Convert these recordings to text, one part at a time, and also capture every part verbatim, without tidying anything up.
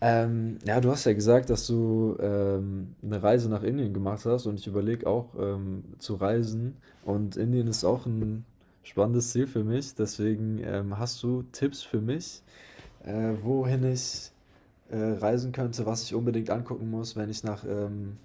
Ähm, ja, du hast ja gesagt, dass du ähm, eine Reise nach Indien gemacht hast und ich überlege auch ähm, zu reisen. Und Indien ist auch ein spannendes Ziel für mich. Deswegen ähm, hast du Tipps für mich, äh, wohin ich äh, reisen könnte, was ich unbedingt angucken muss, wenn ich nach, ähm,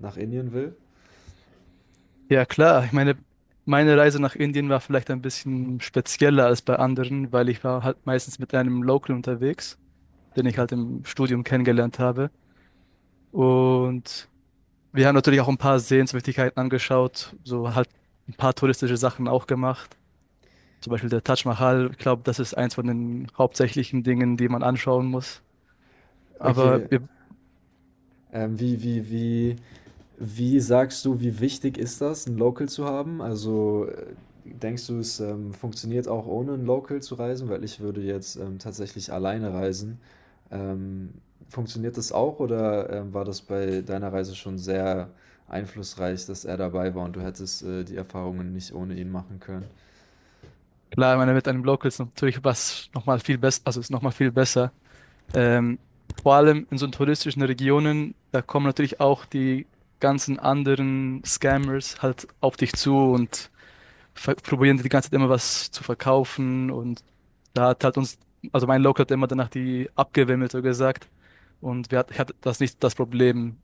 nach Indien will? Ja, klar. Ich meine, meine Reise nach Indien war vielleicht ein bisschen spezieller als bei anderen, weil ich war halt meistens mit einem Local unterwegs, den ich halt im Studium kennengelernt habe. Und wir haben natürlich auch ein paar Sehenswürdigkeiten angeschaut, so halt ein paar touristische Sachen auch gemacht. Zum Beispiel der Taj Mahal. Ich glaube, das ist eins von den hauptsächlichen Dingen, die man anschauen muss. Aber Okay, wir, ähm, wie, wie, wie Wie sagst du, wie wichtig ist das, ein Local zu haben? Also, äh, denkst du, es, ähm, funktioniert auch ohne ein Local zu reisen? Weil ich würde jetzt, ähm, tatsächlich alleine reisen. Ähm, Funktioniert das auch oder, ähm, war das bei deiner Reise schon sehr einflussreich, dass er dabei war und du hättest, äh, die Erfahrungen nicht ohne ihn machen können? klar, ich meine, mit einem Local ist natürlich was nochmal viel besser, also ist nochmal viel besser. Ähm, Vor allem in so touristischen Regionen, da kommen natürlich auch die ganzen anderen Scammers halt auf dich zu und ver- probieren dir die ganze Zeit immer was zu verkaufen. Und da hat halt uns, also mein Local hat immer danach die abgewimmelt, so gesagt. Und wir hat, ich hatte das nicht das Problem,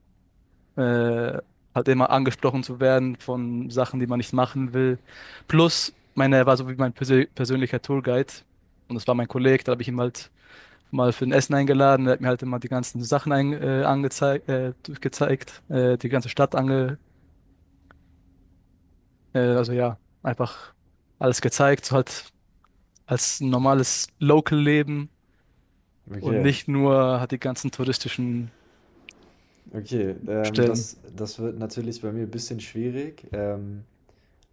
äh, halt immer angesprochen zu werden von Sachen, die man nicht machen will. Plus, meine, er war so wie mein persö- persönlicher Tourguide. Und das war mein Kollege, da habe ich ihm halt mal für ein Essen eingeladen. Er hat mir halt immer die ganzen Sachen ein, äh, angezeigt, äh, gezeigt, äh, die ganze Stadt ange, äh, also ja, einfach alles gezeigt, so halt als normales Local-Leben und Okay, nicht nur hat die ganzen touristischen okay. Ähm, Stellen. das das wird natürlich bei mir ein bisschen schwierig. Ähm,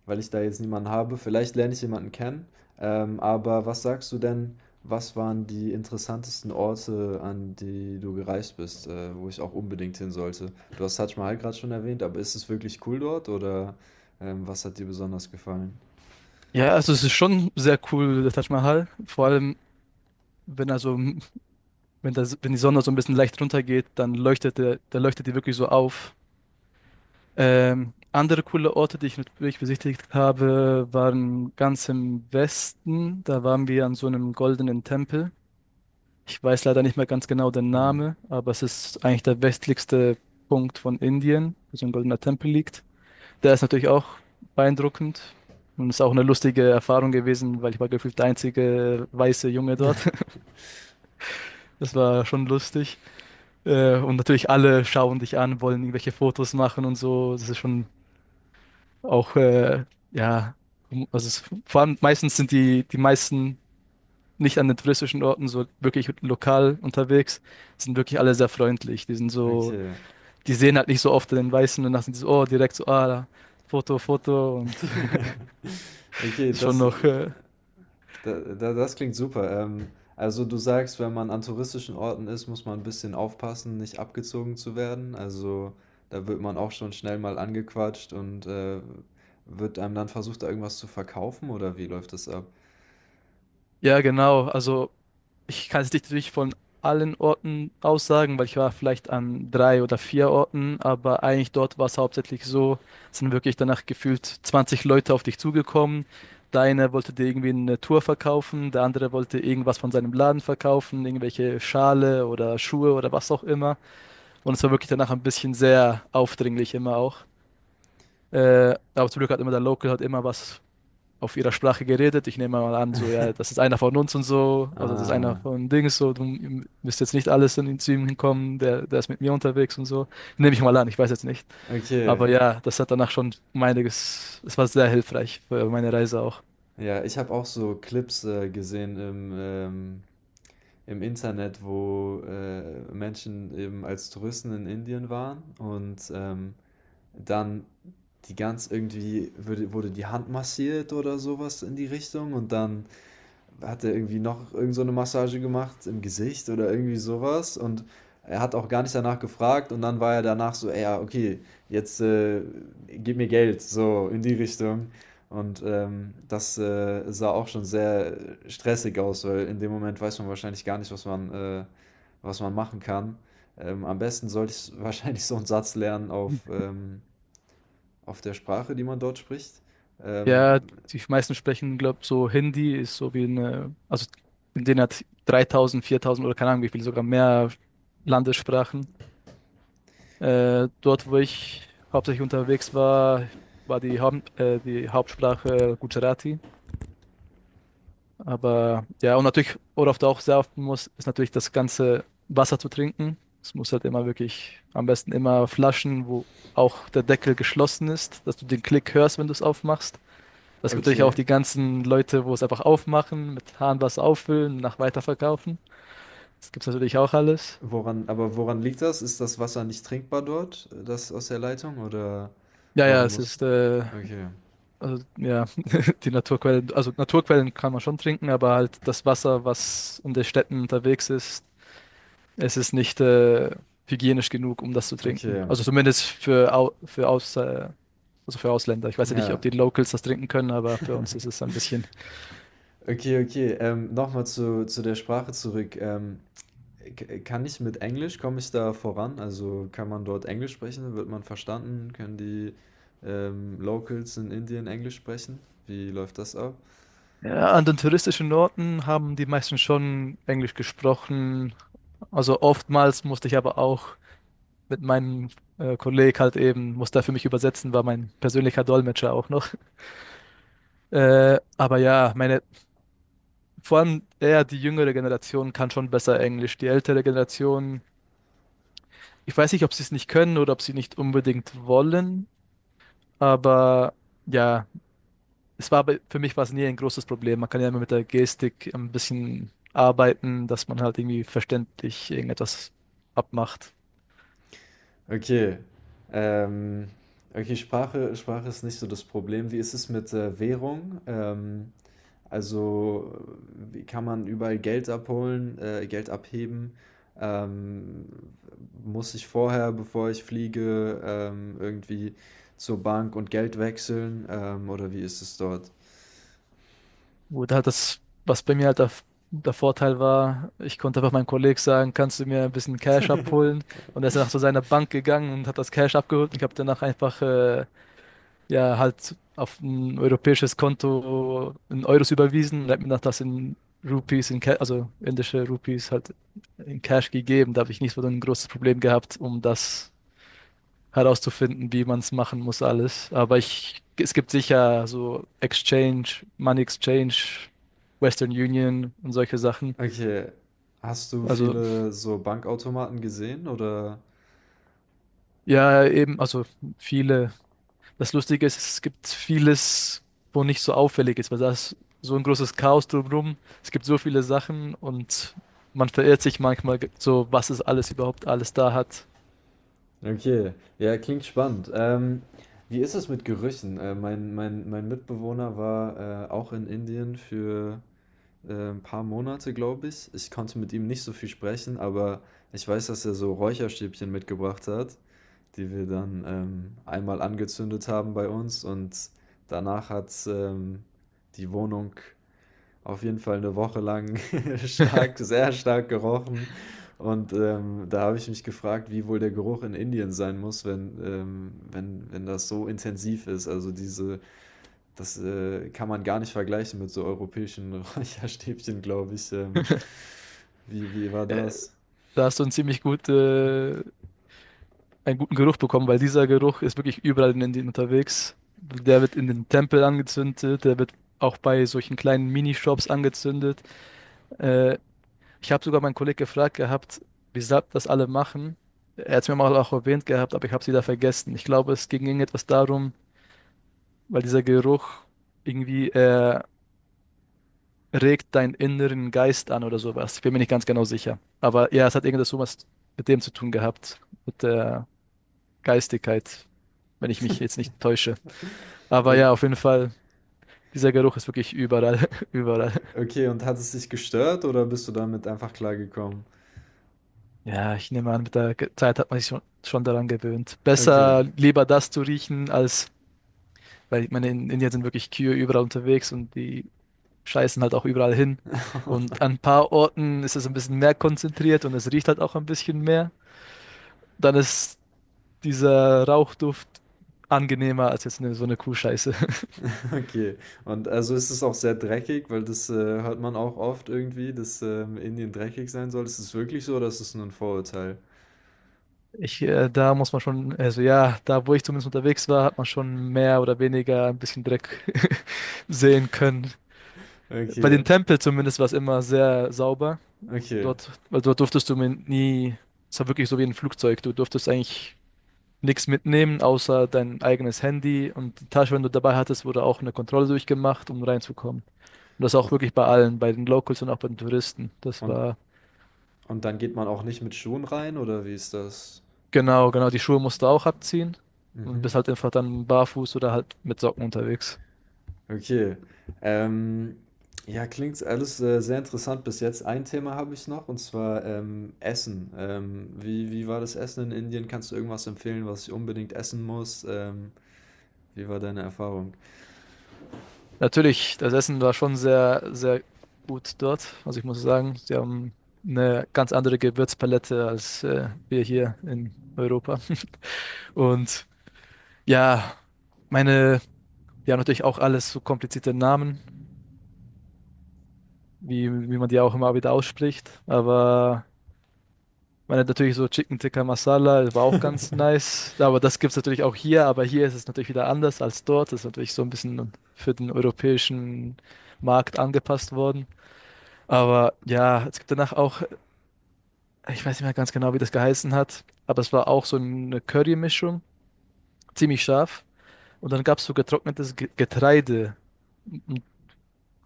Weil ich da jetzt niemanden habe. Vielleicht lerne ich jemanden kennen. Ähm, aber was sagst du denn, was waren die interessantesten Orte, an die du gereist bist, äh, wo ich auch unbedingt hin sollte? Du hast Taj Mahal gerade schon erwähnt, aber ist es wirklich cool dort oder ähm, was hat dir besonders gefallen? Ja, also es ist schon sehr cool, der Taj Mahal. Vor allem, wenn er so, wenn das, wenn die Sonne so ein bisschen leicht runtergeht, dann leuchtet der, da leuchtet die wirklich so auf. Ähm, andere coole Orte, die ich natürlich besichtigt habe, waren ganz im Westen. Da waren wir an so einem goldenen Tempel. Ich weiß leider nicht mehr ganz genau den Hm. Namen, aber es ist eigentlich der westlichste Punkt von Indien, wo so ein goldener Tempel liegt. Der ist natürlich auch beeindruckend und ist auch eine lustige Erfahrung gewesen, weil ich war gefühlt der einzige weiße Junge dort. Das war schon lustig. Äh, und natürlich alle schauen dich an, wollen irgendwelche Fotos machen und so. Das ist schon auch, äh, ja, um- also es, vor allem meistens sind die, die meisten nicht an den touristischen Orten so wirklich lokal unterwegs, sind wirklich alle sehr freundlich. Die sind so, Okay. die sehen halt nicht so oft den Weißen und dann sind die so, oh, direkt so, ah, da, Foto, Foto und Okay, ist schon das. noch, äh, Da, da, das klingt super. Ähm, also du sagst, wenn man an touristischen Orten ist, muss man ein bisschen aufpassen, nicht abgezogen zu werden. Also da wird man auch schon schnell mal angequatscht und äh, wird einem dann versucht, da irgendwas zu verkaufen oder wie läuft das ab? ja, genau, also. Ich kann es nicht natürlich von allen Orten aussagen, weil ich war vielleicht an drei oder vier Orten, aber eigentlich dort war es hauptsächlich so, es sind wirklich danach gefühlt zwanzig Leute auf dich zugekommen. Der eine wollte dir irgendwie eine Tour verkaufen, der andere wollte irgendwas von seinem Laden verkaufen, irgendwelche Schale oder Schuhe oder was auch immer. Und es war wirklich danach ein bisschen sehr aufdringlich immer auch. Äh, aber zum Glück hat immer der Local hat immer was auf ihrer Sprache geredet. Ich nehme mal an, so, ja, das ist einer von uns und so, also das ist einer Ah, von Dings, so, du müsst jetzt nicht alles in zu ihm hinkommen, der, der ist mit mir unterwegs und so. Nehme ich mal an, ich weiß jetzt nicht. okay. Aber ja, das hat danach schon um einiges, es war sehr hilfreich für meine Reise auch. Ja, ich habe auch so Clips äh, gesehen im, ähm, im Internet, wo äh, Menschen eben als Touristen in Indien waren und ähm, Dann die ganz irgendwie würde, wurde die Hand massiert oder sowas in die Richtung und dann hat er irgendwie noch irgend so eine Massage gemacht im Gesicht oder irgendwie sowas und er hat auch gar nicht danach gefragt und dann war er danach so, "Ey, ja, okay, jetzt äh, gib mir Geld, so in die Richtung. Und ähm, das äh, sah auch schon sehr äh, stressig aus, weil in dem Moment weiß man wahrscheinlich gar nicht, was man, äh, was man machen kann. Ähm, am besten sollte ich wahrscheinlich so einen Satz lernen auf ähm, auf der Sprache, die man dort spricht. Ähm, Ja, die meisten sprechen, glaube ich, so Hindi ist so wie eine, also in denen hat dreitausend, viertausend oder keine Ahnung wie viel, sogar mehr Landessprachen. Äh, dort, wo ich hauptsächlich unterwegs war, war die, Haupt, äh, die Hauptsprache Gujarati. Aber ja, und natürlich, worauf du auch sehr achten musst, ist natürlich das ganze Wasser zu trinken. Es muss halt immer wirklich, am besten immer Flaschen, wo auch der Deckel geschlossen ist, dass du den Klick hörst, wenn du es aufmachst. Das gibt natürlich auch okay. die ganzen Leute, wo es einfach aufmachen, mit Hahnwasser auffüllen, nach weiterverkaufen. Das gibt's natürlich auch alles. Woran, aber woran liegt das? Ist das Wasser nicht trinkbar dort, das aus der Leitung? Oder Ja, ja, warum es muss. ist äh, Okay, also, ja, die Naturquellen, also Naturquellen kann man schon trinken, aber halt das Wasser, was in den Städten unterwegs ist, es ist nicht äh, hygienisch genug, um das zu trinken. okay. Also zumindest für, Au für, Aus äh, also für Ausländer. Ich weiß ja nicht, Ja. ob die Locals das trinken können, aber für uns ist es ein bisschen. Okay, okay. Ähm, nochmal zu, zu der Sprache zurück. Ähm, k- kann ich mit Englisch, komme ich da voran? Also kann man dort Englisch sprechen? Wird man verstanden? Können die ähm, Locals in Indien Englisch sprechen? Wie läuft das ab? Ja, an den touristischen Orten haben die meisten schon Englisch gesprochen. Also oftmals musste ich aber auch mit meinem äh, Kollegen halt eben, musste er für mich übersetzen, war mein persönlicher Dolmetscher auch noch. Äh, aber ja, meine, vor allem eher die jüngere Generation kann schon besser Englisch. Die ältere Generation, ich weiß nicht, ob sie es nicht können oder ob sie nicht unbedingt wollen, aber ja, es war bei- für mich war es nie ein großes Problem. Man kann ja immer mit der Gestik ein bisschen arbeiten, dass man halt irgendwie verständlich irgendetwas abmacht. Okay. Ähm, okay, Sprache, Sprache ist nicht so das Problem. Wie ist es mit äh, Währung? Ähm, also, äh, wie kann man überall Geld abholen, äh, Geld abheben? Ähm, Muss ich vorher, bevor ich fliege, ähm, irgendwie zur Bank und Geld wechseln? Ähm, oder wie ist es dort? Gut, halt das, was bei mir halt der, der Vorteil war, ich konnte einfach meinem Kollegen sagen, kannst du mir ein bisschen Cash abholen? Und er ist danach zu seiner Bank gegangen und hat das Cash abgeholt. Und ich habe danach einfach, äh, ja, halt auf ein europäisches Konto in Euros überwiesen und hat mir danach das in Rupees, in Ca- also indische Rupees halt in Cash gegeben. Da habe ich nicht so ein großes Problem gehabt, um das herauszufinden, wie man es machen muss, alles. Aber ich, es gibt sicher so Exchange, Money Exchange, Western Union und solche Sachen. Okay. Hast du Also viele so Bankautomaten gesehen oder? ja, eben, also viele. Das Lustige ist, es gibt vieles, wo nicht so auffällig ist, weil da ist so ein großes Chaos drumherum. Es gibt so viele Sachen und man verirrt sich manchmal ge- so, was es alles überhaupt alles da hat. Okay, ja, klingt spannend. Ähm, wie ist es mit Gerüchen? Äh, mein, mein, mein Mitbewohner war äh, auch in Indien für äh, ein paar Monate, glaube ich. Ich konnte mit ihm nicht so viel sprechen, aber ich weiß, dass er so Räucherstäbchen mitgebracht hat, die wir dann ähm, einmal angezündet haben bei uns und danach hat ähm, die Wohnung auf jeden Fall eine Woche lang stark sehr stark gerochen und, ähm, da habe ich mich gefragt, wie wohl der Geruch in Indien sein muss, wenn ähm, wenn wenn das so intensiv ist. Also, diese das, äh, kann man gar nicht vergleichen mit so europäischen Räucherstäbchen, glaube ich. Ähm, wie wie war Äh, das? Da hast du eine ziemlich gute einen guten Geruch bekommen, weil dieser Geruch ist wirklich überall in Indien unterwegs. Der wird in den Tempeln angezündet, der wird auch bei solchen kleinen Minishops angezündet. Äh, Ich habe sogar meinen Kollegen gefragt gehabt, wieso das alle machen. Er hat es mir mal auch erwähnt gehabt, aber ich habe es wieder vergessen. Ich glaube, es ging irgendetwas darum, weil dieser Geruch irgendwie äh, regt deinen inneren Geist an oder sowas. Ich bin mir nicht ganz genau sicher. Aber ja, es hat irgendetwas sowas mit dem zu tun gehabt, mit der Geistigkeit, wenn ich mich jetzt nicht täusche. Aber Ö ja, auf jeden Fall, dieser Geruch ist wirklich überall, überall. Okay, und hat es dich gestört oder bist du damit einfach klargekommen? Ja, ich nehme an, mit der Ge- Zeit hat man sich schon, schon, daran gewöhnt. Okay. Besser lieber das zu riechen, als, weil ich meine, in Indien sind wirklich Kühe überall unterwegs und die scheißen halt auch überall hin. Und an ein paar Orten ist es ein bisschen mehr konzentriert und es riecht halt auch ein bisschen mehr. Dann ist dieser Rauchduft angenehmer als jetzt eine, so eine Kuhscheiße. Okay. Und also ist es auch sehr dreckig, weil das, äh, hört man auch oft irgendwie, dass, ähm, Indien dreckig sein soll. Ist es wirklich so oder ist es nur ein Vorurteil? Ich, äh, da muss man schon, also ja, da wo ich zumindest unterwegs war, hat man schon mehr oder weniger ein bisschen Dreck sehen können. Bei den Okay, Tempeln zumindest war es immer sehr sauber. okay. Dort, weil dort durftest du mir nie, es war wirklich so wie ein Flugzeug, du durftest eigentlich nichts mitnehmen, außer dein eigenes Handy und die Tasche, wenn du dabei hattest, wurde auch eine Kontrolle durchgemacht, um reinzukommen. Und das auch U wirklich bei allen, bei den Locals und auch bei den Touristen. Das und war. und dann geht man auch nicht mit Schuhen rein oder wie ist das? Genau, genau, die Schuhe musst du auch abziehen und Mhm. bist halt einfach dann barfuß oder halt mit Socken unterwegs. Okay. Ähm, ja, klingt alles, äh, sehr interessant bis jetzt. Ein Thema habe ich noch und zwar, ähm, Essen. Ähm, wie wie war das Essen in Indien? Kannst du irgendwas empfehlen, was ich unbedingt essen muss? Ähm, wie war deine Erfahrung? Natürlich, das Essen war schon sehr, sehr gut dort. Also ich muss sagen, sie haben eine ganz andere Gewürzpalette als äh, wir hier in Europa. Und ja, meine, die haben natürlich auch alles so komplizierte Namen, wie, wie man die auch immer wieder ausspricht. Aber man hat natürlich so Chicken Tikka Masala, das war auch ganz nice. Aber das gibt es natürlich auch hier, aber hier ist es natürlich wieder anders als dort. Das ist natürlich so ein bisschen für den europäischen Markt angepasst worden. Aber ja, es gibt danach auch, ich weiß nicht mehr ganz genau, wie das geheißen hat, aber es war auch so eine Curry-Mischung, ziemlich scharf. Und dann gab es so getrocknetes Ge- Getreide, m- m-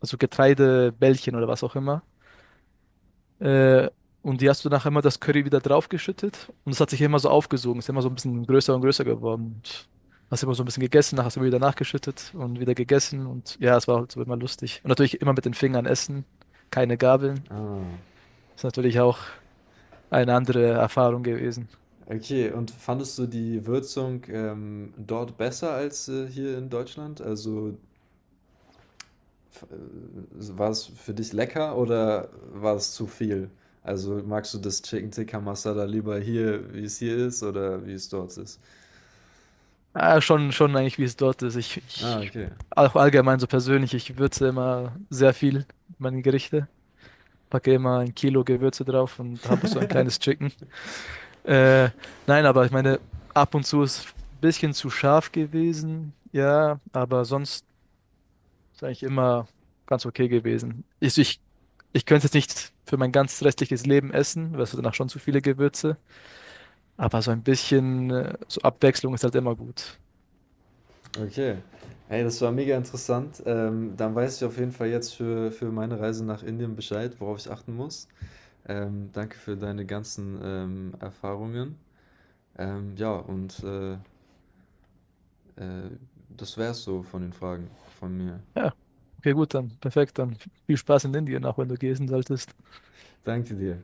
also Getreidebällchen oder was auch immer. Äh, und die hast du nachher immer das Curry wieder draufgeschüttet und es hat sich immer so aufgesogen, ist immer so ein bisschen größer und größer geworden und hast immer so ein bisschen gegessen, nachher hast du immer wieder nachgeschüttet und wieder gegessen und ja, es war halt so immer lustig. Und natürlich immer mit den Fingern essen, keine Gabeln. Ah. Ist natürlich auch eine andere Erfahrung gewesen. Okay, und fandest du die Würzung, ähm, dort besser als, äh, hier in Deutschland? Also, f äh, war es für dich lecker oder war es zu viel? Also, magst du das Chicken Tikka Masala lieber hier, wie es hier ist oder wie es dort ist? Ah, schon, schon eigentlich, wie es dort ist. Ich, Ah, ich okay. auch allgemein so persönlich, ich würze immer sehr viel meine Gerichte, packe immer ein Kilo Gewürze drauf und habe so ein kleines Chicken. Äh, nein, aber ich meine, ab und zu ist ein bisschen zu scharf gewesen, ja, aber sonst ist eigentlich immer ganz okay gewesen. Ich, ich, ich könnte es nicht für mein ganzes restliches Leben essen, weil es danach schon zu viele Gewürze, aber so ein bisschen äh, so Abwechslung ist halt immer gut. Okay. Hey, das war mega interessant. Ähm, dann weiß ich auf jeden Fall jetzt für für meine Reise nach Indien Bescheid, worauf ich achten muss. Ähm, danke für deine ganzen, ähm, Erfahrungen. Ähm, ja, und, äh Äh, Das wär's so von den Fragen von mir. Ja, okay, gut, dann perfekt, dann viel Spaß in Indien, auch wenn du gehen solltest. Danke dir.